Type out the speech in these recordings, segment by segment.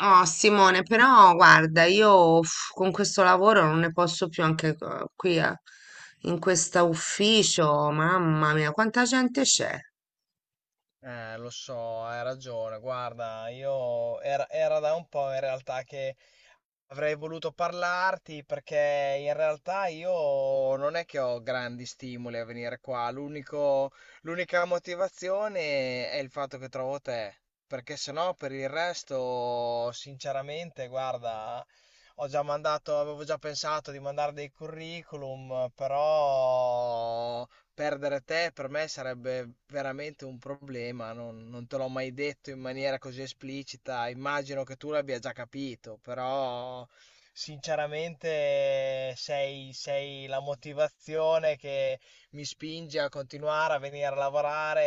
Oh Simone, però guarda, io uff, con questo lavoro non ne posso più anche qui a- in questo ufficio, mamma mia, quanta gente c'è. Lo so, hai ragione. Guarda, io era da un po' in realtà che avrei voluto parlarti perché in realtà io non è che ho grandi stimoli a venire qua. L'unica motivazione è il fatto che trovo te. Perché se no, per il resto, sinceramente, guarda, avevo già pensato di mandare dei curriculum, però. Perdere te per me sarebbe veramente un problema, non te l'ho mai detto in maniera così esplicita, immagino che tu l'abbia già capito, però sinceramente sei la motivazione che mi spinge a continuare a venire a lavorare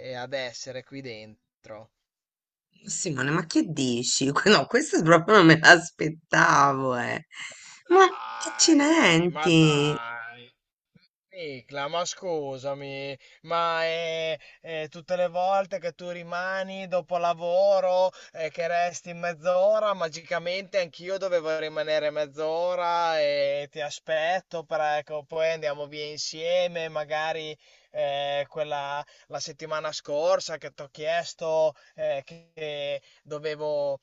e ad essere qui dentro. Simone, ma che dici? No, questo proprio non me l'aspettavo, eh. Ma Dai, ma accidenti. Dai. Nicla, ma scusami, ma tutte le volte che tu rimani dopo lavoro e che resti mezz'ora, magicamente anch'io dovevo rimanere mezz'ora e ti aspetto, per, ecco, poi andiamo via insieme, magari quella la settimana scorsa che ti ho chiesto che dovevo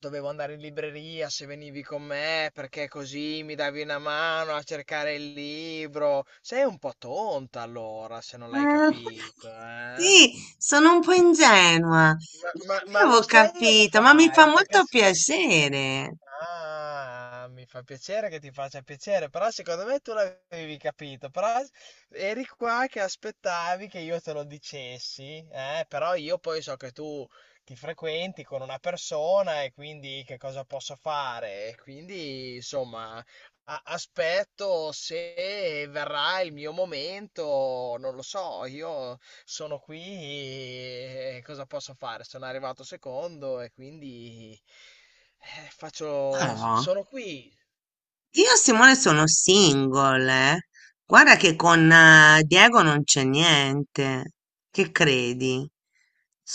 dovevo andare in libreria se venivi con me, perché così mi davi una mano a cercare il libro. Sei un po' tonta allora, se non l'hai capito, eh? Sì, sono un po' ingenua. Ma, Non ma- ma lo avevo sei o lo capito, ma mi fa fai? Perché molto se, piacere. ah, mi fa piacere che ti faccia piacere, però secondo me tu l'avevi capito, però eri qua che aspettavi che io te lo dicessi, eh? Però io poi so che tu ti frequenti con una persona e quindi che cosa posso fare? E quindi, insomma, aspetto se verrà il mio momento, non lo so, io sono qui e cosa posso fare? Sono arrivato secondo e quindi... Ma faccio... no. sono qui, Io e Simone sono single, eh. Guarda che con Diego non c'è niente. Che credi?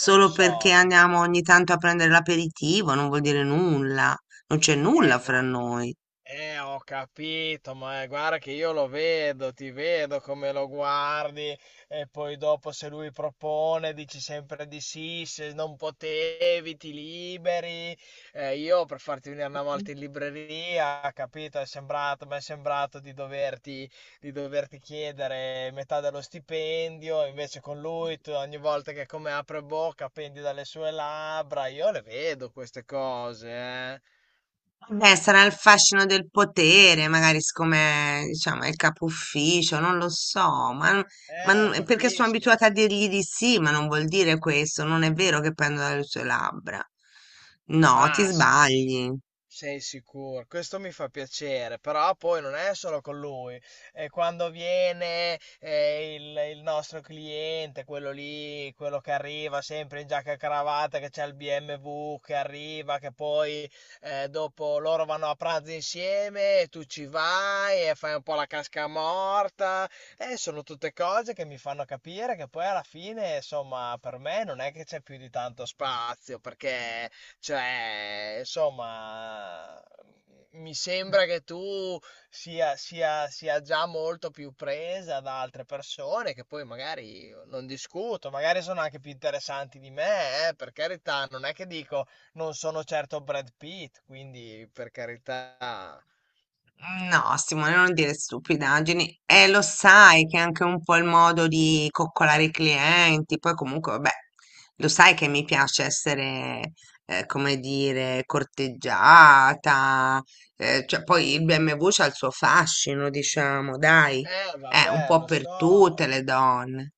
non lo perché so, tutta la andiamo ogni tanto a prendere l'aperitivo, non vuol dire nulla. Non c'è nulla fra terra, noi. Ho capito, ma guarda che io lo vedo, ti vedo come lo guardi e poi dopo se lui propone dici sempre di sì, se non potevi ti liberi. Io per farti venire una volta in libreria, capito, mi è sembrato di doverti chiedere metà dello stipendio, invece con lui tu ogni volta che come apre bocca pendi dalle sue labbra, io le vedo queste cose, eh. Beh, sarà il fascino del potere, magari siccome, diciamo, è il capo ufficio, non lo so, ma, perché sono abituata a Capisco. dirgli di sì, ma non vuol dire questo, non è vero che prendo dalle sue labbra. No, ti Ma sic- sbagli. Sei sicuro? Questo mi fa piacere, però poi non è solo con lui. E quando viene il nostro cliente, quello lì, quello che arriva sempre in giacca e cravatta, che c'è il BMW che arriva, che poi dopo loro vanno a pranzo insieme e tu ci vai e fai un po' la casca morta. Sono tutte cose che mi fanno capire che poi alla fine, insomma, per me non è che c'è più di tanto spazio, perché cioè, insomma, mi sembra che tu sia già molto più presa da altre persone che poi magari io non discuto, magari sono anche più interessanti di me, per carità, non è che dico non sono certo Brad Pitt, quindi per carità. No, Simone, non dire stupidaggini. E lo sai che è anche un po' il modo di coccolare i clienti. Poi comunque, vabbè, lo sai che mi piace essere, come dire, corteggiata. Cioè, poi il BMW c'ha il suo fascino, diciamo, dai. È un Vabbè, po' lo per tutte so. le donne.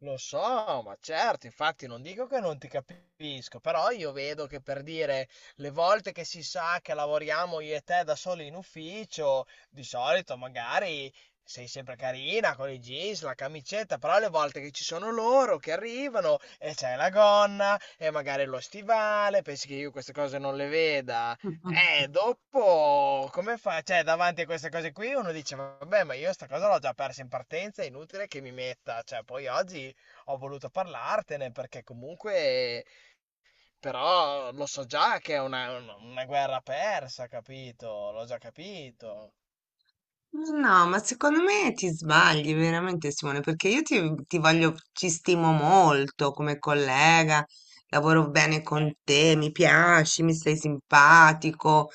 Lo so, ma certo, infatti non dico che non ti capisco, però io vedo che per dire le volte che si sa che lavoriamo io e te da soli in ufficio, di solito magari sei sempre carina con i jeans, la camicetta, però le volte che ci sono loro che arrivano e c'è la gonna e magari lo stivale, pensi che io queste cose non le veda? Dopo come fa? Cioè, davanti a queste cose qui uno dice, vabbè, ma io sta cosa l'ho già persa in partenza, è inutile che mi metta, cioè, poi oggi ho voluto parlartene perché comunque però lo so già che è una guerra persa, capito? L'ho già capito. No, ma secondo me ti sbagli veramente, Simone, perché io ti voglio, ci stimo molto come collega, lavoro bene con Eh, te, mi piaci, mi sei simpatico,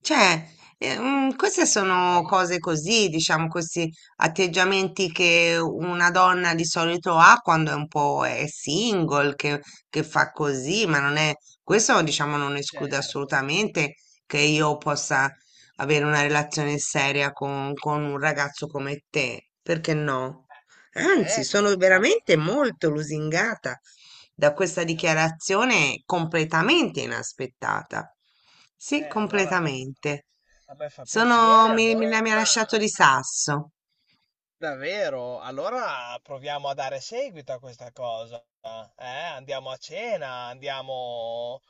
cioè, queste sì, sì, ma sono cose così, diciamo, questi atteggiamenti che una donna di solito ha quando è un po' è single, che fa così, ma non è, questo, diciamo, non esclude certo. assolutamente che io possa avere una relazione seria con un ragazzo come te, perché no? Anzi, sono Ecco, allo- veramente molto lusingata da questa all- dichiarazione completamente inaspettata. Sì, allora a me, completamente. a me fa piacere, Sono, mi, me la allora mi ha lasciato di sasso. davvero, allora proviamo a dare seguito a questa cosa. Cena, eh? Andiamo a cena, andiamo...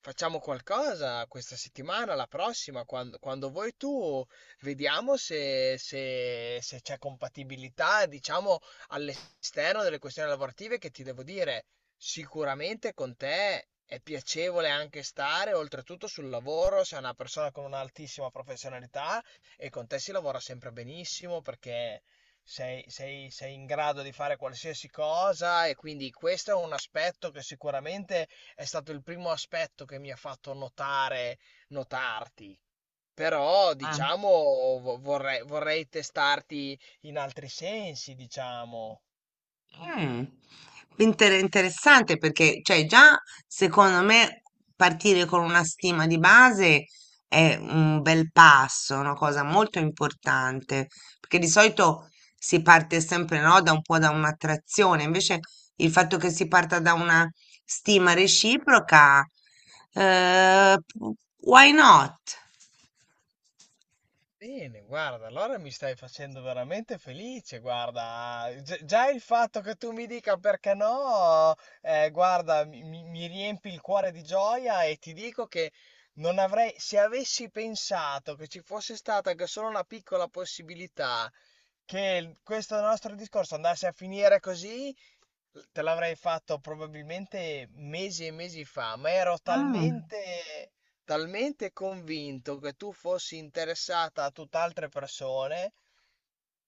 Facciamo qualcosa questa settimana, la prossima, quando vuoi tu, vediamo se c'è compatibilità, diciamo, all'esterno delle questioni lavorative che ti devo dire, sicuramente con te è piacevole anche stare, oltretutto sul lavoro, sei una persona con un'altissima professionalità e con te si lavora sempre benissimo perché sei in grado di fare qualsiasi cosa e quindi questo è un aspetto che sicuramente è stato il primo aspetto che mi ha fatto notare, notarti. Però, Ah. diciamo, vorrei testarti in altri sensi, diciamo. Mm. Interessante perché, cioè, già secondo me partire con una stima di base è un bel passo, una cosa molto importante, perché di solito si parte sempre, no, da un po' da un'attrazione, invece il fatto che si parta da una stima reciproca, eh, why not? Bene, guarda, allora mi stai facendo veramente felice, guarda, già il fatto che tu mi dica perché no, guarda, mi riempi il cuore di gioia e ti dico che non avrei, se avessi pensato che ci fosse stata anche solo una piccola possibilità che questo nostro discorso andasse a finire così, te l'avrei fatto probabilmente mesi e mesi fa, ma ero Mm. talmente, talmente convinto che tu fossi interessata a tutt'altre persone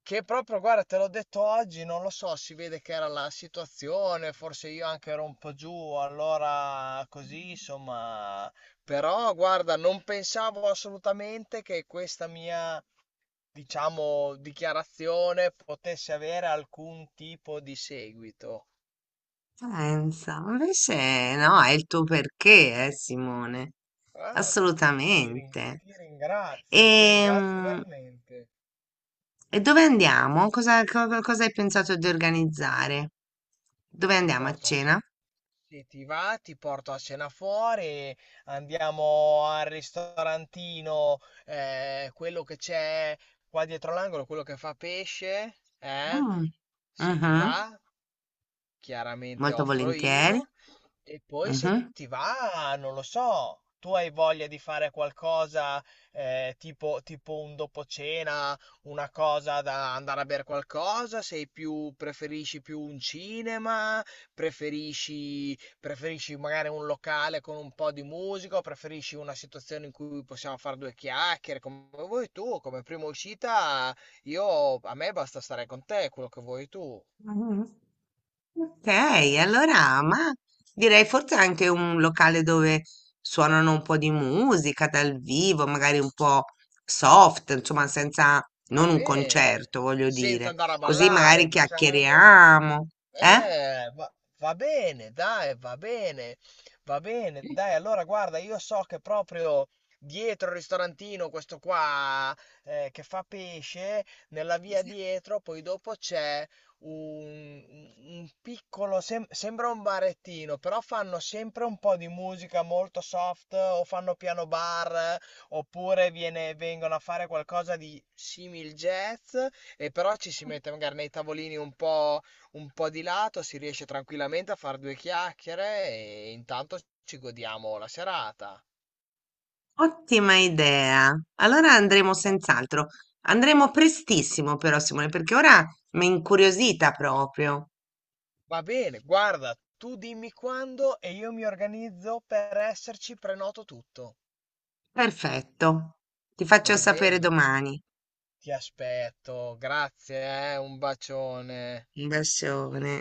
che proprio, guarda, te l'ho detto oggi, non lo so, si vede che era la situazione, forse io anche ero un po' giù, allora così, insomma. Però, guarda, non pensavo assolutamente che questa mia, diciamo, dichiarazione potesse avere alcun tipo di seguito. Pensa, invece no, è il tuo perché, Simone, Ah, assolutamente. Ti ringrazio Ehm, veramente. E, dove andiamo? Cosa hai pensato di organizzare? Dove Ti andiamo a porto a cena? cena. Se ti va, ti porto a cena fuori, andiamo al ristorantino, quello che c'è qua dietro l'angolo, quello che fa pesce, eh? Mm, Se ti mhm, va. Chiaramente molto offro volentieri. io e poi se ti va, non lo so, tu hai voglia di fare qualcosa tipo un dopo cena, una cosa da andare a bere qualcosa, preferisci più un cinema, preferisci magari un locale con un po' di musica, o preferisci una situazione in cui possiamo fare due chiacchiere, come vuoi tu, come prima uscita, io, a me basta stare con te, quello che vuoi tu. Ah, ok, allora, ma direi forse anche un locale dove suonano un po' di musica dal vivo, magari un po' soft, insomma, senza, Va non un bene, concerto, voglio senza dire. andare a Così ballare, magari diciamo. chiacchieriamo, eh? Eh, va, va bene, dai, va bene, dai, allora guarda, io so che proprio dietro il ristorantino, questo qua che fa pesce, nella via dietro, poi dopo c'è un piccolo, sembra un barettino, però fanno sempre un po' di musica molto soft, o fanno piano bar, oppure vengono a fare qualcosa di simil jazz, e però ci si mette magari nei tavolini un po' di lato, si riesce tranquillamente a fare due chiacchiere e intanto ci godiamo la serata. Ottima idea. Allora andremo Va, senz'altro. Andremo prestissimo però, Simone, perché ora mi è incuriosita proprio. va bene, guarda, tu dimmi quando e io mi organizzo per esserci, prenoto tutto. Perfetto. Ti faccio Va sapere bene, domani. ti aspetto, grazie, un bacione. Un bacione.